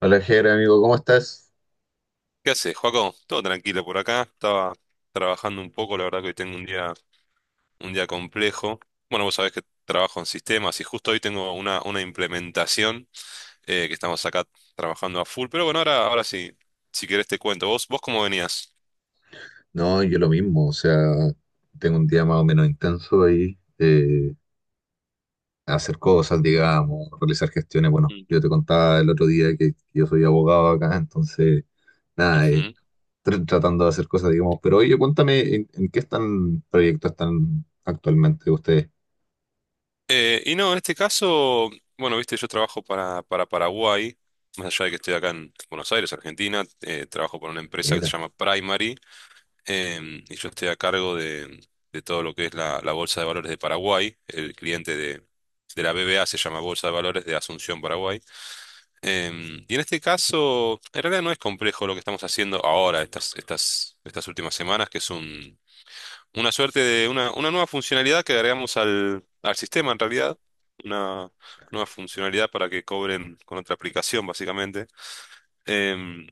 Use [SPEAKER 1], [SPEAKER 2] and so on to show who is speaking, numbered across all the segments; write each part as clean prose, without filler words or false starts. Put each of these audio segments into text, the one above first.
[SPEAKER 1] Hola, Jere, amigo, ¿cómo estás?
[SPEAKER 2] ¿Qué haces, Joaco? Todo tranquilo por acá. Estaba trabajando un poco, la verdad que hoy tengo un día complejo. Bueno, vos sabés que trabajo en sistemas y justo hoy tengo una implementación que estamos acá trabajando a full. Pero bueno, ahora sí, si querés te cuento. ¿Vos cómo venías?
[SPEAKER 1] No, yo lo mismo, o sea, tengo un día más o menos intenso ahí, hacer cosas, digamos, realizar gestiones. Bueno,
[SPEAKER 2] Mm.
[SPEAKER 1] yo te contaba el otro día que yo soy abogado acá, entonces, nada,
[SPEAKER 2] Ujú.
[SPEAKER 1] tratando de hacer cosas, digamos. Pero oye, cuéntame, ¿en qué están proyectos están actualmente ustedes?
[SPEAKER 2] Y no, en este caso, bueno, viste, yo trabajo para Paraguay, más allá de que estoy acá en Buenos Aires, Argentina, trabajo para una empresa que se
[SPEAKER 1] Mira,
[SPEAKER 2] llama Primary. Y yo estoy a cargo de todo lo que es la Bolsa de Valores de Paraguay. El cliente de la BBA se llama Bolsa de Valores de Asunción, Paraguay. Y en este caso, en realidad no es complejo lo que estamos haciendo ahora, estas últimas semanas, que es una suerte de una nueva funcionalidad que agregamos al sistema en realidad. Una nueva funcionalidad para que cobren con otra aplicación, básicamente. Em,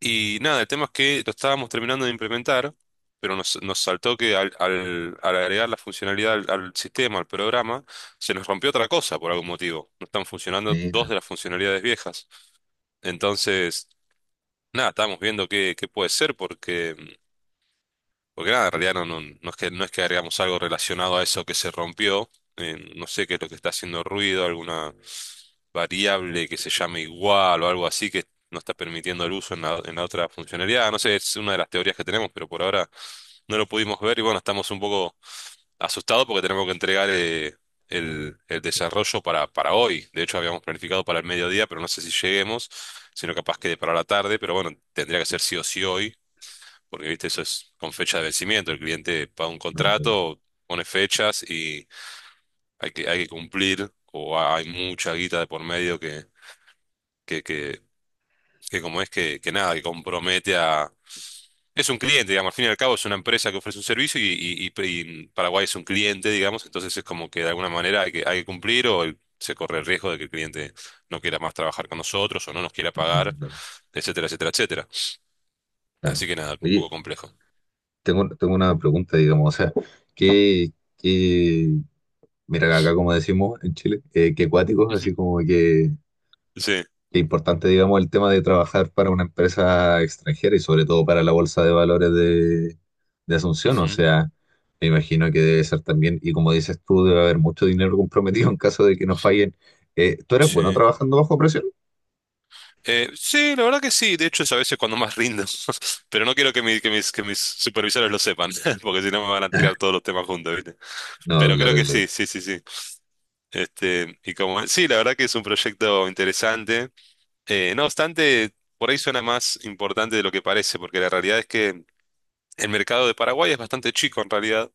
[SPEAKER 2] y nada, el tema es que lo estábamos terminando de implementar, pero nos saltó que al agregar la funcionalidad al sistema, al programa, se nos rompió otra cosa por algún motivo. No están funcionando dos
[SPEAKER 1] mira,
[SPEAKER 2] de las funcionalidades viejas. Entonces, nada, estábamos viendo qué puede ser porque nada, en realidad no es que, agregamos algo relacionado a eso que se rompió. No sé qué es lo que está haciendo ruido, alguna variable que se llame igual o algo así que no está permitiendo el uso en la otra funcionalidad. No sé, es una de las teorías que tenemos, pero por ahora no lo pudimos ver y bueno, estamos un poco asustados porque tenemos que entregar el desarrollo para hoy. De hecho, habíamos planificado para el mediodía, pero no sé si lleguemos, sino capaz quede para la tarde, pero bueno, tendría que ser sí o sí hoy porque viste, eso es con fecha de vencimiento. El cliente paga un
[SPEAKER 1] no, oye,
[SPEAKER 2] contrato, pone fechas y hay que cumplir, o hay mucha guita de por medio que, que, que como es que nada, que compromete a. Es un cliente, digamos, al fin y al cabo es una empresa que ofrece un servicio y Paraguay es un cliente, digamos, entonces es como que de alguna manera hay que cumplir o se corre el riesgo de que el cliente no quiera más trabajar con nosotros o no nos quiera
[SPEAKER 1] no,
[SPEAKER 2] pagar,
[SPEAKER 1] claro,
[SPEAKER 2] etcétera, etcétera, etcétera. Así
[SPEAKER 1] claro.
[SPEAKER 2] que nada, un
[SPEAKER 1] Oye,
[SPEAKER 2] poco complejo.
[SPEAKER 1] tengo una pregunta, digamos, o sea, ¿qué Mira, acá como decimos en Chile, que cuáticos,
[SPEAKER 2] Ujú.
[SPEAKER 1] así como
[SPEAKER 2] Sí.
[SPEAKER 1] que importante, digamos, el tema de trabajar para una empresa extranjera y sobre todo para la bolsa de valores de Asunción. O
[SPEAKER 2] Ujú.
[SPEAKER 1] sea, me imagino que debe ser también, y como dices tú, debe haber mucho dinero comprometido en caso de que no fallen. ¿Tú eres bueno
[SPEAKER 2] Sí.
[SPEAKER 1] trabajando bajo presión?
[SPEAKER 2] Sí, la verdad que sí. De hecho, es a veces cuando más rindo. Pero no quiero que, que mis supervisores lo sepan, porque si no me van a tirar todos los temas juntos, ¿viste?
[SPEAKER 1] No,
[SPEAKER 2] Pero creo
[SPEAKER 1] claro,
[SPEAKER 2] que
[SPEAKER 1] claro.
[SPEAKER 2] sí, sí, sí, sí. Este, y como, sí, la verdad que es un proyecto interesante. No obstante, por ahí suena más importante de lo que parece, porque la realidad es que el mercado de Paraguay es bastante chico en realidad.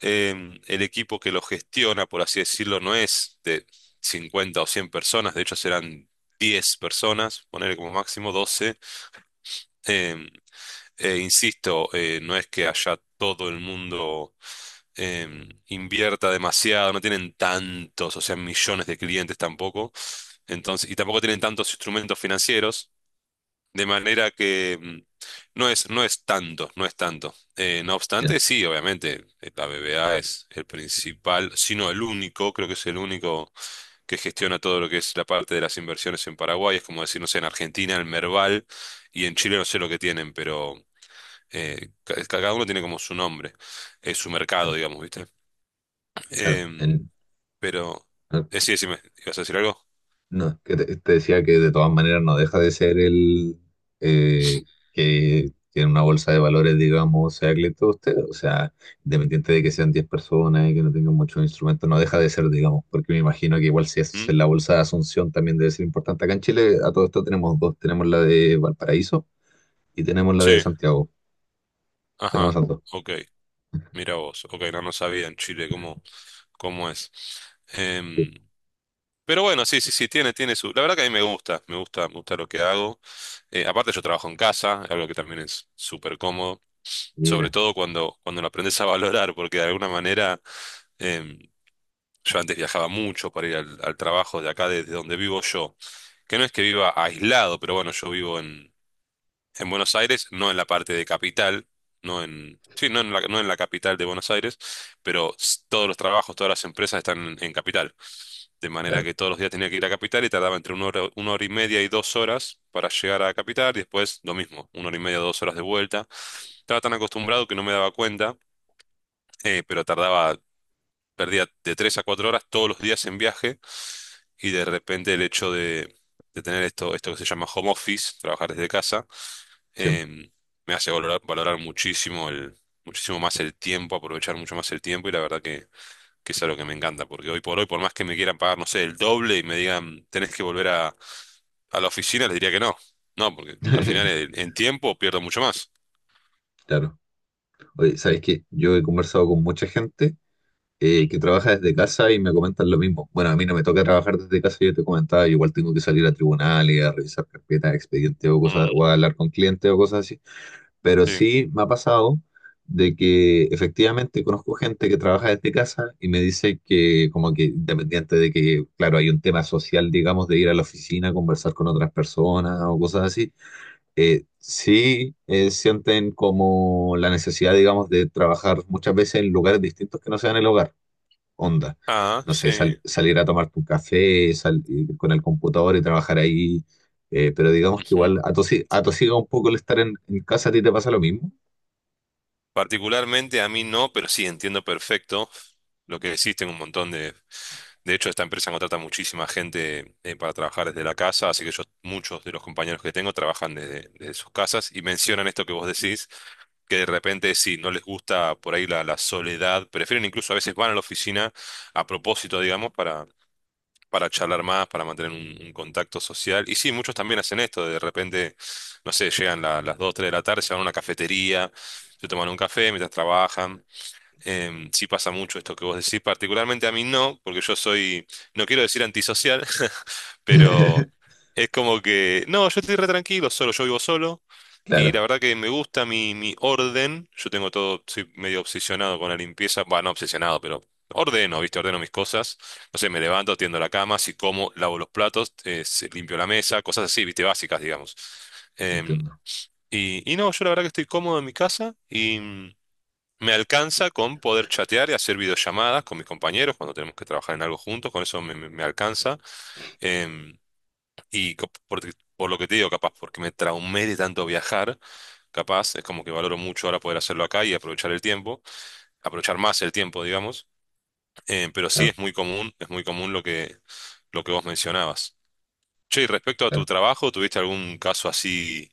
[SPEAKER 2] El equipo que lo gestiona, por así decirlo, no es de 50 o 100 personas, de hecho serán 10 personas, ponerle como máximo 12. Em, Insisto, no es que allá todo el mundo invierta demasiado, no tienen tantos, o sea, millones de clientes tampoco, entonces, y tampoco tienen tantos instrumentos financieros, de manera que no es tanto, no es tanto. No
[SPEAKER 1] Ya,
[SPEAKER 2] obstante, sí, obviamente, la BBVA es el principal, sino el único, creo que es el único que gestiona todo lo que es la parte de las inversiones en Paraguay, es como decir, no sé, en Argentina, el Merval, y en Chile no sé lo que tienen, pero cada uno tiene como su nombre, su mercado,
[SPEAKER 1] claro,
[SPEAKER 2] digamos, ¿viste?
[SPEAKER 1] claro.
[SPEAKER 2] Em,
[SPEAKER 1] En-
[SPEAKER 2] pero,
[SPEAKER 1] no,
[SPEAKER 2] sí, decime, ¿ibas a decir algo?
[SPEAKER 1] No, que te decía que de todas maneras no deja de ser el eh, que tiene una bolsa de valores, digamos, sea cliente de usted, o sea, independiente de que sean 10 personas y que no tengan muchos instrumentos, no deja de ser, digamos, porque me imagino que igual si es
[SPEAKER 2] ¿Mm?
[SPEAKER 1] en la bolsa de Asunción también debe ser importante. Acá en Chile a todo esto tenemos dos, tenemos la de Valparaíso y tenemos la de
[SPEAKER 2] Sí,
[SPEAKER 1] Santiago, tenemos
[SPEAKER 2] ajá,
[SPEAKER 1] esas dos.
[SPEAKER 2] ok, mira vos, ok, no, no sabía en Chile cómo, cómo es.
[SPEAKER 1] Sí,
[SPEAKER 2] Em, pero bueno, sí, sí, sí, tiene, tiene su... La verdad que a mí me gusta, me gusta, me gusta lo que hago. Aparte yo trabajo en casa, algo que también es súper cómodo, sobre
[SPEAKER 1] Mira,
[SPEAKER 2] todo cuando, cuando lo aprendes a valorar, porque de alguna manera... em, yo antes viajaba mucho para ir al, al trabajo de acá, desde donde vivo yo. Que no es que viva aislado, pero bueno, yo vivo en Buenos Aires, no en la parte de capital, no en, sí, no en la, no en la capital de Buenos Aires, pero todos los trabajos, todas las empresas están en capital. De manera
[SPEAKER 1] claro,
[SPEAKER 2] que todos los días tenía que ir a capital y tardaba entre una hora y media y 2 horas para llegar a capital y después lo mismo, una hora y media, 2 horas de vuelta. Estaba tan acostumbrado que no me daba cuenta, pero tardaba perdía de 3 a 4 horas todos los días en viaje y de repente el hecho de tener esto, esto que se llama home office, trabajar desde casa,
[SPEAKER 1] sí,
[SPEAKER 2] em, me hace valorar, valorar muchísimo el, muchísimo más el tiempo, aprovechar mucho más el tiempo y la verdad que es algo que me encanta, porque hoy por hoy, por más que me quieran pagar, no sé, el doble y me digan, tenés que volver a la oficina, les diría que no. No, porque al final en tiempo pierdo mucho más.
[SPEAKER 1] claro. Oye, ¿sabes qué? Yo he conversado con mucha gente que trabaja desde casa y me comentan lo mismo. Bueno, a mí no me toca trabajar desde casa, yo te comentaba, yo igual tengo que salir a tribunales, a revisar carpetas, expedientes o cosas,
[SPEAKER 2] Mm.
[SPEAKER 1] o a hablar con clientes o cosas así. Pero
[SPEAKER 2] Sí.
[SPEAKER 1] sí me ha pasado de que efectivamente conozco gente que trabaja desde casa y me dice que como que independiente de que, claro, hay un tema social, digamos, de ir a la oficina, conversar con otras personas o cosas así, sí, sienten como la necesidad, digamos, de trabajar muchas veces en lugares distintos que no sean el hogar onda.
[SPEAKER 2] Ah,
[SPEAKER 1] No sé,
[SPEAKER 2] sí.
[SPEAKER 1] salir a tomarte un café, ir con el computador y trabajar ahí. Pero digamos que igual atosiga un poco el estar en casa, ¿a ti te pasa lo mismo?
[SPEAKER 2] Particularmente a mí no, pero sí entiendo perfecto lo que existen un montón de... De hecho, esta empresa contrata muchísima gente para trabajar desde la casa, así que yo, muchos de los compañeros que tengo trabajan desde, desde sus casas y mencionan esto que vos decís, que de repente si no les gusta por ahí la soledad, prefieren incluso a veces van a la oficina a propósito, digamos, para charlar más, para mantener un contacto social. Y sí, muchos también hacen esto, de repente, no sé, llegan las 2, 3 de la tarde, se van a una cafetería, se toman un café mientras trabajan. Sí pasa mucho esto que vos decís, particularmente a mí no, porque yo soy, no quiero decir antisocial, pero es como que, no, yo estoy re tranquilo, solo, yo vivo solo, y la
[SPEAKER 1] Claro,
[SPEAKER 2] verdad que me gusta mi orden, yo tengo todo, soy medio obsesionado con la limpieza, bueno, no obsesionado, pero ordeno, ¿viste? Ordeno mis cosas, no sé, me levanto, tiendo la cama, si como, lavo los platos, limpio la mesa, cosas así, ¿viste? Básicas, digamos. Em,
[SPEAKER 1] entiendo.
[SPEAKER 2] y, y no, yo la verdad que estoy cómodo en mi casa, me alcanza con poder chatear y hacer videollamadas con mis compañeros cuando tenemos que trabajar en algo juntos, con eso me alcanza. Em, y co- porque- por lo que te digo, capaz, porque me traumé de tanto viajar, capaz, es como que valoro mucho ahora poder hacerlo acá y aprovechar el tiempo, aprovechar más el tiempo, digamos. Pero sí
[SPEAKER 1] Claro,
[SPEAKER 2] es muy común lo que vos mencionabas. Che, y respecto a tu
[SPEAKER 1] claro.
[SPEAKER 2] trabajo, ¿tuviste algún caso así,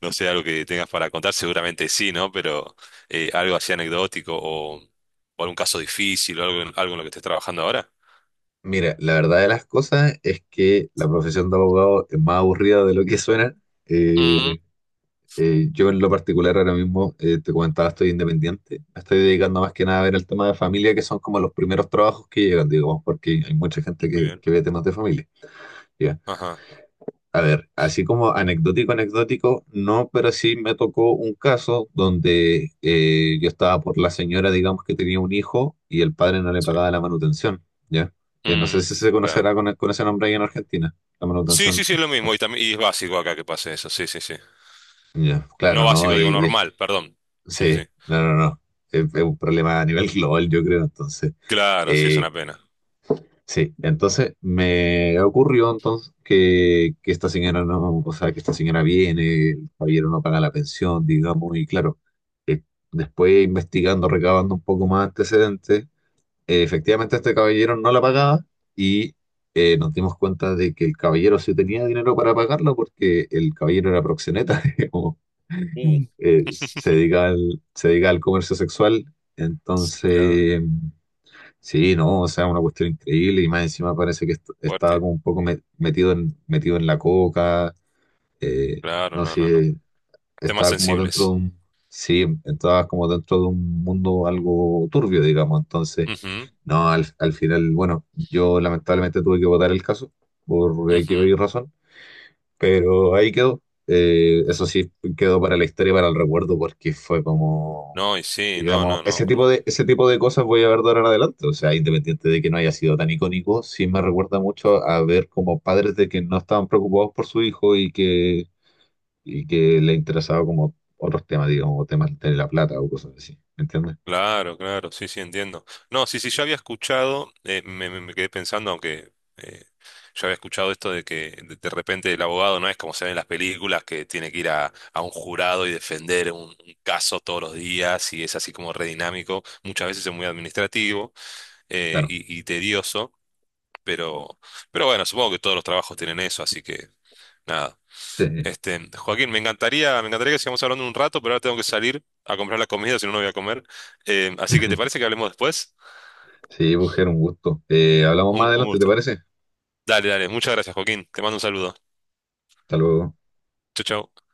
[SPEAKER 2] no sé, algo que tengas para contar? Seguramente sí, ¿no? Pero algo así anecdótico o algún caso difícil o algo, algo en lo que estés trabajando ahora.
[SPEAKER 1] Mira, la verdad de las cosas es que la profesión de abogado es más aburrida de lo que suena.
[SPEAKER 2] Mm.
[SPEAKER 1] Eh, yo en lo particular ahora mismo, te comentaba, estoy independiente. Me estoy dedicando más que nada a ver el tema de familia, que son como los primeros trabajos que llegan, digamos, porque hay mucha gente
[SPEAKER 2] Muy
[SPEAKER 1] que,
[SPEAKER 2] bien.
[SPEAKER 1] que ve temas de familia. ¿Ya?
[SPEAKER 2] Ajá,
[SPEAKER 1] A ver, así como anecdótico, anecdótico, no, pero sí me tocó un caso donde yo estaba por la señora, digamos, que tenía un hijo y el padre no le
[SPEAKER 2] sí.
[SPEAKER 1] pagaba la manutención, ¿ya? No sé
[SPEAKER 2] Mm,
[SPEAKER 1] si se conocerá
[SPEAKER 2] claro.
[SPEAKER 1] con ese nombre ahí en Argentina, la
[SPEAKER 2] Sí,
[SPEAKER 1] manutención.
[SPEAKER 2] sí, sí, es lo mismo. Y también, y es básico acá que pase eso. Sí, sí, sí.
[SPEAKER 1] Ya,
[SPEAKER 2] No
[SPEAKER 1] claro, ¿no?
[SPEAKER 2] básico, digo normal, perdón. Sí, sí,
[SPEAKER 1] Sí,
[SPEAKER 2] sí.
[SPEAKER 1] no, no, no. Es un problema a nivel global, yo creo, entonces.
[SPEAKER 2] Claro, sí, es
[SPEAKER 1] eh,
[SPEAKER 2] una pena.
[SPEAKER 1] Sí, entonces me ocurrió entonces que esta señora no, o sea, que esta señora viene, el caballero no paga la pensión, digamos, y claro, eh, después investigando, recabando un poco más antecedentes, efectivamente este caballero no la pagaba y nos dimos cuenta de que el caballero sí tenía dinero para pagarlo porque el caballero era proxeneta, digamos,
[SPEAKER 2] Uh,
[SPEAKER 1] se dedica al comercio sexual,
[SPEAKER 2] mirá,
[SPEAKER 1] entonces... Sí, no, o sea, una cuestión increíble y más encima parece que estaba
[SPEAKER 2] fuerte.
[SPEAKER 1] como un poco metido en, metido en la coca, eh,
[SPEAKER 2] Claro,
[SPEAKER 1] no
[SPEAKER 2] no, no, no.
[SPEAKER 1] sé,
[SPEAKER 2] Temas
[SPEAKER 1] estaba como dentro de
[SPEAKER 2] sensibles.
[SPEAKER 1] un, sí, estaba como dentro de un mundo algo turbio, digamos, entonces,
[SPEAKER 2] Ujú,
[SPEAKER 1] no, al, al final, bueno, yo lamentablemente tuve que votar el caso por X o
[SPEAKER 2] ujú.
[SPEAKER 1] Y razón, pero ahí quedó. Eso sí, quedó para la historia, y para el recuerdo, porque fue como,
[SPEAKER 2] No, y sí, no,
[SPEAKER 1] digamos,
[SPEAKER 2] no, no. Cuando
[SPEAKER 1] ese tipo de cosas voy a ver de ahora en adelante. O sea, independiente de que no haya sido tan icónico, sí me recuerda mucho a ver como padres de que no estaban preocupados por su hijo y que le interesaba como otros temas, digamos, o temas de la plata o cosas así. ¿Me entiendes?
[SPEAKER 2] claro, claro, sí, sí, entiendo. No, sí, sí, yo había escuchado, me quedé pensando, aunque yo había escuchado esto de que de repente el abogado no es como se ve en las películas, que tiene que ir a un jurado y defender un caso todos los días y es así como re dinámico, muchas veces es muy administrativo
[SPEAKER 1] Claro.
[SPEAKER 2] y tedioso, pero, pero bueno, supongo que todos los trabajos tienen eso, así que nada.
[SPEAKER 1] Sí,
[SPEAKER 2] Este, Joaquín, me encantaría que sigamos hablando un rato, pero ahora tengo que salir a comprar la comida, si no, no voy a comer. Así que, ¿te parece que hablemos después?
[SPEAKER 1] sí, mujer, un gusto. Hablamos más
[SPEAKER 2] Un
[SPEAKER 1] adelante, ¿te
[SPEAKER 2] gusto.
[SPEAKER 1] parece?
[SPEAKER 2] Dale, dale. Muchas gracias, Joaquín. Te mando un saludo.
[SPEAKER 1] Hasta luego.
[SPEAKER 2] Chau, chau.